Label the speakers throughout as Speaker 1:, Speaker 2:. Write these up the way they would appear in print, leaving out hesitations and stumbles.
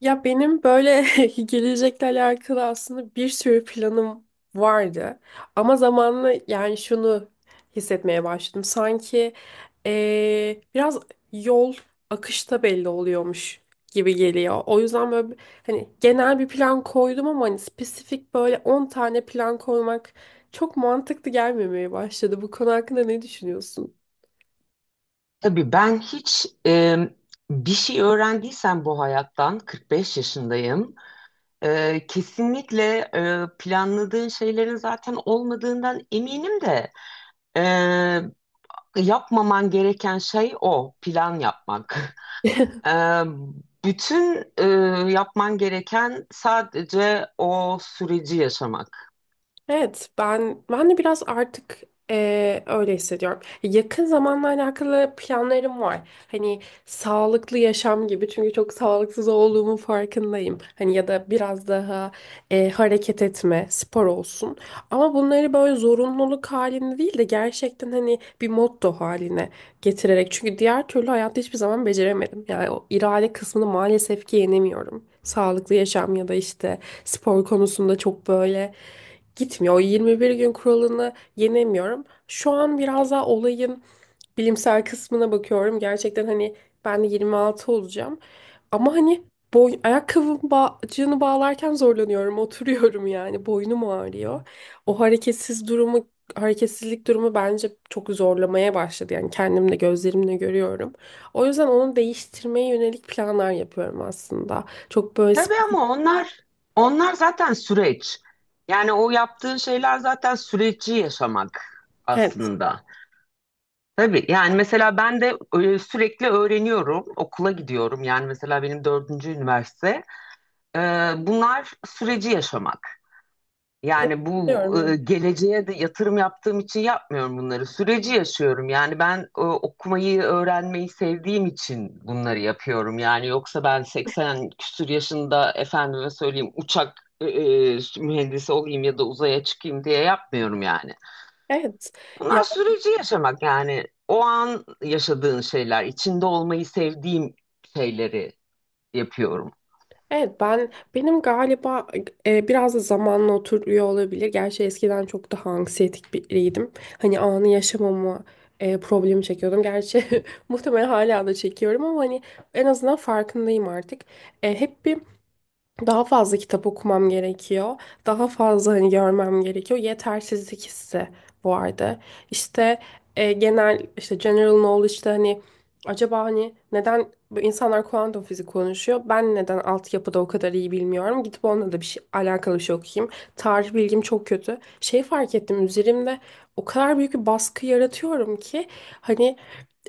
Speaker 1: Ya benim böyle gelecekle alakalı aslında bir sürü planım vardı. Ama zamanla yani şunu hissetmeye başladım. Sanki biraz yol akışta belli oluyormuş gibi geliyor. O yüzden hani genel bir plan koydum ama hani spesifik böyle 10 tane plan koymak çok mantıklı gelmemeye başladı. Bu konu hakkında ne düşünüyorsun?
Speaker 2: Tabii ben hiç bir şey öğrendiysem bu hayattan 45 yaşındayım. Kesinlikle planladığın şeylerin zaten olmadığından eminim de e, yapmaman gereken şey o plan yapmak. E, Bütün yapman gereken sadece o süreci yaşamak.
Speaker 1: Evet, ben de biraz artık öyle hissediyorum. Yakın zamanla alakalı planlarım var. Hani sağlıklı yaşam gibi çünkü çok sağlıksız olduğumun farkındayım. Hani ya da biraz daha hareket etme, spor olsun. Ama bunları böyle zorunluluk halinde değil de gerçekten hani bir motto haline getirerek. Çünkü diğer türlü hayatta hiçbir zaman beceremedim. Yani o irade kısmını maalesef ki yenemiyorum. Sağlıklı yaşam ya da işte spor konusunda çok böyle gitmiyor. O 21 gün kuralını yenemiyorum. Şu an biraz daha olayın bilimsel kısmına bakıyorum. Gerçekten hani ben de 26 olacağım. Ama hani boy ayakkabım bağcığını bağlarken zorlanıyorum. Oturuyorum yani. Boynum ağrıyor. O hareketsiz durumu hareketsizlik durumu bence çok zorlamaya başladı. Yani kendim de gözlerimle görüyorum. O yüzden onu değiştirmeye yönelik planlar yapıyorum aslında.
Speaker 2: Tabii ama onlar zaten süreç. Yani o yaptığın şeyler zaten süreci yaşamak
Speaker 1: Evet.
Speaker 2: aslında. Tabii yani mesela ben de sürekli öğreniyorum, okula gidiyorum. Yani mesela benim dördüncü üniversite. E, Bunlar süreci yaşamak.
Speaker 1: Evet
Speaker 2: Yani bu
Speaker 1: diyorum, Evet.
Speaker 2: geleceğe de yatırım yaptığım için yapmıyorum bunları. Süreci yaşıyorum. Yani ben okumayı, öğrenmeyi sevdiğim için bunları yapıyorum. Yani yoksa ben 80 küsur yaşında efendime söyleyeyim uçak mühendisi olayım ya da uzaya çıkayım diye yapmıyorum yani.
Speaker 1: evet.
Speaker 2: Bunlar süreci yaşamak yani o an yaşadığın şeyler, içinde olmayı sevdiğim şeyleri yapıyorum.
Speaker 1: Evet, ben benim galiba biraz da zamanla oturuyor olabilir. Gerçi eskiden çok daha anksiyetik biriydim. Hani anı yaşamama problemi çekiyordum. Gerçi muhtemelen hala da çekiyorum ama hani en azından farkındayım artık. Hep bir daha fazla kitap okumam gerekiyor. Daha fazla hani görmem gerekiyor. Yetersizlik hissi vardı. İşte genel işte general knowledge'da hani acaba hani neden bu insanlar kuantum fizik konuşuyor? Ben neden altyapıda o kadar iyi bilmiyorum? Gidip onunla da bir şey alakalı bir şey okuyayım. Tarih bilgim çok kötü. Şey fark ettim üzerimde o kadar büyük bir baskı yaratıyorum ki hani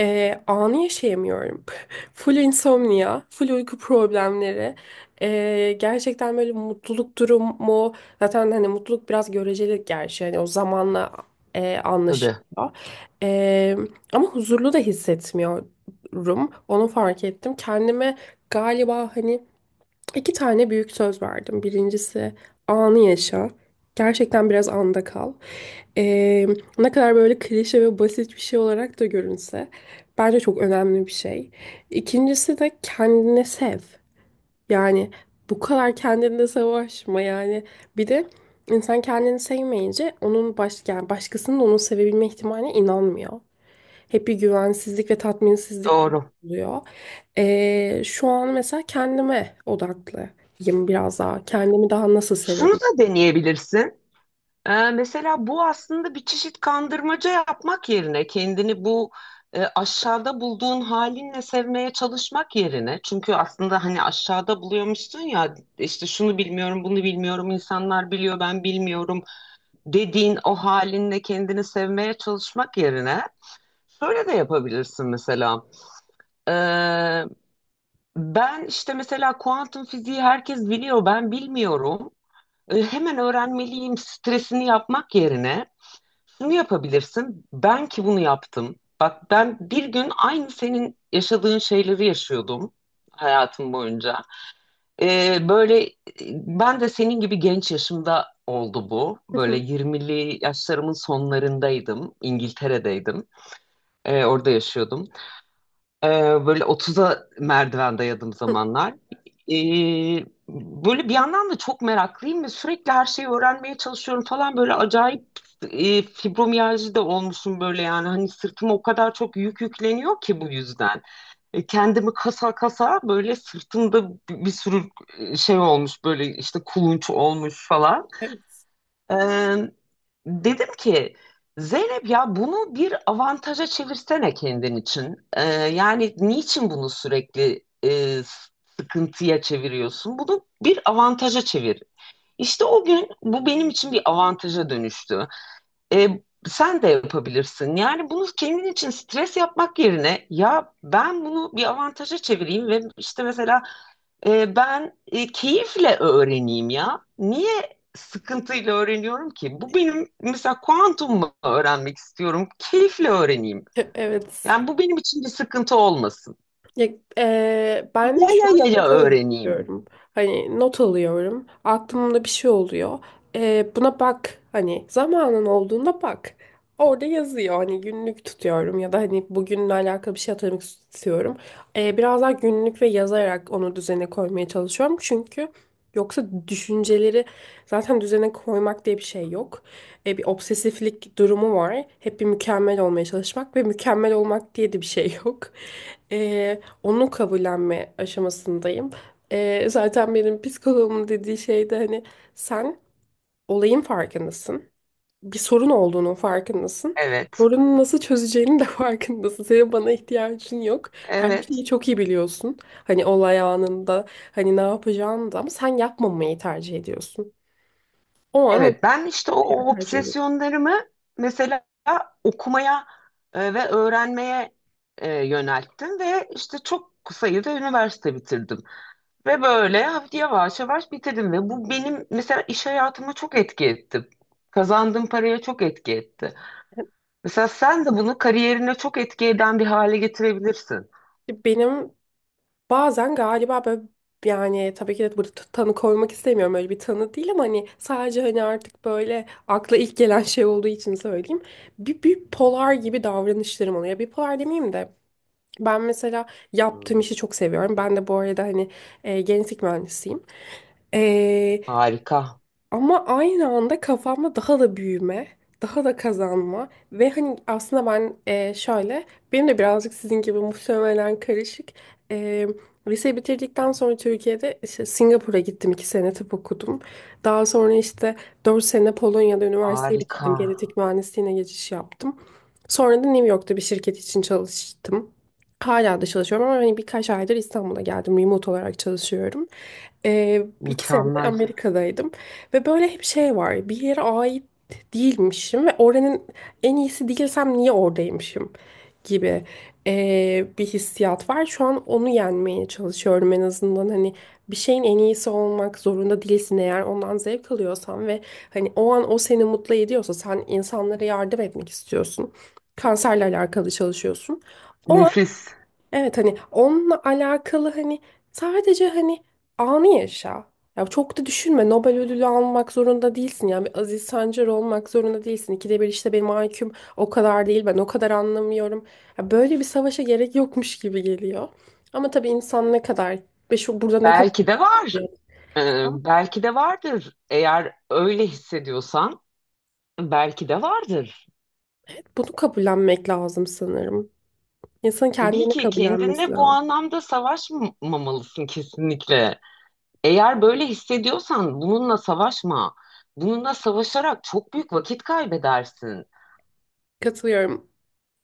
Speaker 1: anı yaşayamıyorum. Full insomnia, full uyku problemleri. Gerçekten böyle mutluluk durumu zaten hani mutluluk biraz göreceli gerçi hani o zamanla
Speaker 2: Tabii.
Speaker 1: anlaşılıyor. Ee, Ama huzurlu da hissetmiyorum. Onu fark ettim. Kendime galiba hani iki tane büyük söz verdim. Birincisi anı yaşa. Gerçekten biraz anda kal. Ee, Ne kadar böyle klişe ve basit bir şey olarak da görünse bence çok önemli bir şey. İkincisi de kendini sev. Yani bu kadar kendinle savaşma yani. Bir de insan kendini sevmeyince onun yani başkasının onu sevebilme ihtimaline inanmıyor. Hep bir güvensizlik ve tatminsizlik
Speaker 2: Doğru.
Speaker 1: oluyor. Şu an mesela kendime odaklıyım biraz daha. Kendimi daha nasıl
Speaker 2: Şunu
Speaker 1: sevebilirim?
Speaker 2: da deneyebilirsin. Mesela bu aslında bir çeşit kandırmaca yapmak yerine kendini bu aşağıda bulduğun halinle sevmeye çalışmak yerine, çünkü aslında hani aşağıda buluyormuşsun ya, işte şunu bilmiyorum, bunu bilmiyorum, insanlar biliyor ben bilmiyorum dediğin o halinle kendini sevmeye çalışmak yerine şöyle de yapabilirsin mesela. Ee, Ben işte mesela kuantum fiziği herkes biliyor ben bilmiyorum, hemen öğrenmeliyim stresini yapmak yerine şunu yapabilirsin. Ben ki bunu yaptım. Bak, ben bir gün aynı senin yaşadığın şeyleri yaşıyordum hayatım boyunca. Ee, böyle e, Ben de senin gibi genç yaşımda oldu bu. Böyle 20'li yaşlarımın sonlarındaydım. İngiltere'deydim. Orada yaşıyordum. Ee, Böyle 30'a merdiven dayadığım zamanlar. Ee, Böyle bir yandan da çok meraklıyım ve sürekli her şeyi öğrenmeye çalışıyorum falan. Böyle acayip fibromiyalji de olmuşum böyle yani. Hani sırtıma o kadar çok yük yükleniyor ki bu yüzden. Kendimi kasa kasa böyle sırtımda bir sürü şey olmuş böyle işte kulunç olmuş falan.
Speaker 1: Evet.
Speaker 2: Ee, Dedim ki Zeynep ya bunu bir avantaja çevirsene kendin için. Yani niçin bunu sürekli sıkıntıya çeviriyorsun? Bunu bir avantaja çevir. İşte o gün bu benim için bir avantaja dönüştü. Ee, Sen de yapabilirsin. Yani bunu kendin için stres yapmak yerine ya ben bunu bir avantaja çevireyim ve işte mesela keyifle öğreneyim ya. Niye sıkıntıyla öğreniyorum ki? Bu benim mesela kuantumu öğrenmek istiyorum. Keyifle öğreneyim.
Speaker 1: Evet.
Speaker 2: Yani bu benim için bir sıkıntı olmasın.
Speaker 1: Ya, Ben
Speaker 2: Ya
Speaker 1: şu
Speaker 2: ya ya
Speaker 1: an
Speaker 2: ya
Speaker 1: biraz öyle
Speaker 2: öğreneyim.
Speaker 1: yapıyorum. Hani not alıyorum. Aklımda bir şey oluyor. Buna bak. Hani zamanın olduğunda bak. Orada yazıyor. Hani günlük tutuyorum ya da hani bugünle alakalı bir şey hatırlamak istiyorum. Biraz daha günlük ve yazarak onu düzene koymaya çalışıyorum. Çünkü yoksa düşünceleri zaten düzene koymak diye bir şey yok. Bir obsesiflik durumu var. Hep bir mükemmel olmaya çalışmak ve mükemmel olmak diye de bir şey yok, onu kabullenme aşamasındayım. Zaten benim psikoloğumun dediği şey de hani sen olayın farkındasın. Bir sorun olduğunun farkındasın.
Speaker 2: Evet.
Speaker 1: Sorunu nasıl çözeceğinin de farkındasın. Senin bana ihtiyacın yok. Her
Speaker 2: Evet.
Speaker 1: şeyi çok iyi biliyorsun. Hani olay anında hani ne yapacağını da ama sen yapmamayı tercih ediyorsun. O an onu
Speaker 2: Evet. Ben işte o, o
Speaker 1: tercih ediyorsun.
Speaker 2: obsesyonlarımı mesela okumaya ve öğrenmeye yönelttim ve işte çok sayıda üniversite bitirdim. Ve böyle hafif yavaş yavaş bitirdim ve bu benim mesela iş hayatıma çok etki etti. Kazandığım paraya çok etki etti. Mesela sen de bunu kariyerine çok etki eden bir hale getirebilirsin.
Speaker 1: Benim Bazen galiba böyle yani tabii ki de burada tanı koymak istemiyorum, öyle bir tanı değil ama hani sadece hani artık böyle akla ilk gelen şey olduğu için söyleyeyim. Bir polar gibi davranışlarım oluyor. Bir polar demeyeyim de ben mesela yaptığım
Speaker 2: Hmm.
Speaker 1: işi çok seviyorum. Ben de bu arada hani genetik mühendisiyim.
Speaker 2: Harika,
Speaker 1: Ama aynı anda kafamda daha da büyüme, daha da kazanma ve hani aslında benim de birazcık sizin gibi muhtemelen karışık. E, Liseyi bitirdikten sonra Türkiye'de işte Singapur'a gittim, iki sene tıp okudum. Daha sonra işte dört sene Polonya'da üniversiteyi
Speaker 2: harika,
Speaker 1: bitirdim, genetik mühendisliğine geçiş yaptım. Sonra da New York'ta bir şirket için çalıştım. Hala da çalışıyorum ama hani birkaç aydır İstanbul'a geldim. Remote olarak çalışıyorum. İki sene de
Speaker 2: mükemmel,
Speaker 1: Amerika'daydım. Ve böyle hep şey var. Bir yere ait değilmişim ve oranın en iyisi değilsem niye oradaymışım gibi bir hissiyat var. Şu an onu yenmeye çalışıyorum en azından. Hani bir şeyin en iyisi olmak zorunda değilsin eğer ondan zevk alıyorsan ve hani o an o seni mutlu ediyorsa sen insanlara yardım etmek istiyorsun. Kanserle alakalı çalışıyorsun. O
Speaker 2: nefis.
Speaker 1: Evet, hani onunla alakalı hani sadece hani anı yaşa. Ya çok da düşünme. Nobel ödülü almak zorunda değilsin. Yani bir Aziz Sancar olmak zorunda değilsin. İkide bir işte benim IQ'm o kadar değil. Ben o kadar anlamıyorum. Ya böyle bir savaşa gerek yokmuş gibi geliyor. Ama tabii insan ne kadar ve şu burada ne kadar
Speaker 2: Belki de var.
Speaker 1: biliyorsa
Speaker 2: Belki de vardır. Eğer öyle hissediyorsan, belki de vardır.
Speaker 1: bunu kabullenmek lazım sanırım. İnsanın
Speaker 2: Tabii
Speaker 1: kendini
Speaker 2: ki
Speaker 1: kabullenmesi
Speaker 2: kendinle bu
Speaker 1: lazım.
Speaker 2: anlamda savaşmamalısın kesinlikle. Eğer böyle hissediyorsan bununla savaşma. Bununla savaşarak çok büyük vakit kaybedersin.
Speaker 1: Katılıyorum.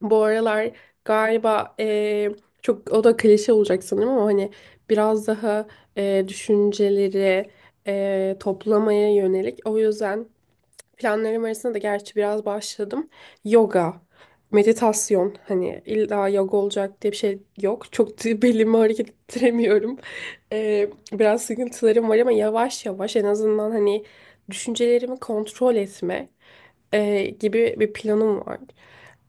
Speaker 1: Bu aralar galiba çok o da klişe olacak sanırım ama hani biraz daha düşünceleri toplamaya yönelik. O yüzden planlarım arasında da gerçi biraz başladım. Yoga, meditasyon hani illa yoga olacak diye bir şey yok. Çok da belimi hareket ettiremiyorum. Biraz sıkıntılarım var ama yavaş yavaş en azından hani düşüncelerimi kontrol etme gibi bir planım var.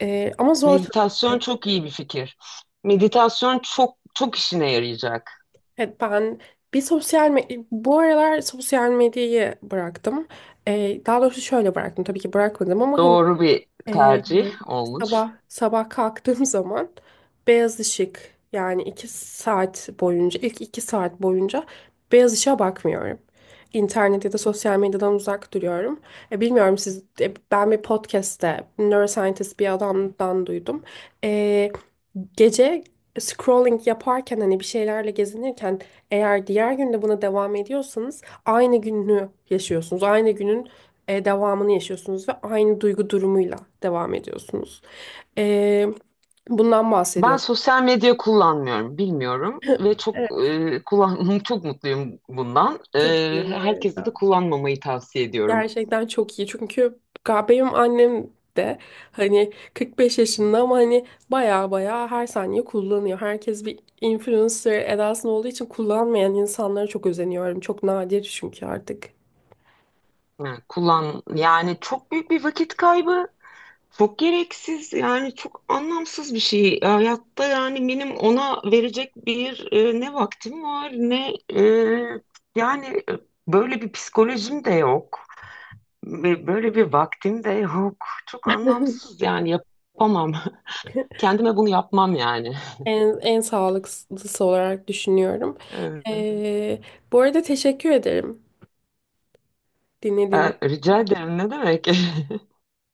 Speaker 1: Ama zor tabii.
Speaker 2: Meditasyon çok iyi bir fikir. Meditasyon çok çok işine yarayacak.
Speaker 1: Evet, ben bu aralar sosyal medyayı bıraktım. Daha doğrusu şöyle bıraktım, tabii ki bırakmadım ama hani,
Speaker 2: Doğru bir
Speaker 1: ee,
Speaker 2: tercih olmuş.
Speaker 1: sabah sabah kalktığım zaman beyaz ışık yani iki saat boyunca ilk iki saat boyunca beyaz ışığa bakmıyorum. İnternet ya da sosyal medyadan uzak duruyorum. Bilmiyorum siz, ben bir podcast'te neuroscientist bir adamdan duydum. E, Gece scrolling yaparken hani bir şeylerle gezinirken eğer diğer günde buna devam ediyorsanız aynı günü yaşıyorsunuz. Aynı günün devamını yaşıyorsunuz ve aynı duygu durumuyla devam ediyorsunuz. E, Bundan
Speaker 2: Ben
Speaker 1: bahsediyordum.
Speaker 2: sosyal medya kullanmıyorum, bilmiyorum ve çok
Speaker 1: Evet,
Speaker 2: kullan çok mutluyum bundan.
Speaker 1: çok iyi bu
Speaker 2: Herkese de
Speaker 1: arada.
Speaker 2: kullanmamayı tavsiye ediyorum.
Speaker 1: Gerçekten çok iyi çünkü benim annem de hani 45 yaşında ama hani baya baya her saniye kullanıyor. Herkes bir influencer edasında olduğu için kullanmayan insanlara çok özeniyorum. Çok nadir çünkü artık.
Speaker 2: Yani kullan yani çok büyük bir vakit kaybı. Çok gereksiz yani çok anlamsız bir şey. Hayatta yani benim ona verecek bir ne vaktim var ne yani e, böyle bir psikolojim de yok. Ve böyle bir vaktim de yok. Çok anlamsız yani yapamam. Kendime bunu yapmam yani.
Speaker 1: En sağlıklısı olarak düşünüyorum.
Speaker 2: Ee,
Speaker 1: E, Bu arada teşekkür ederim dinlediğiniz
Speaker 2: Rica ederim ne demek?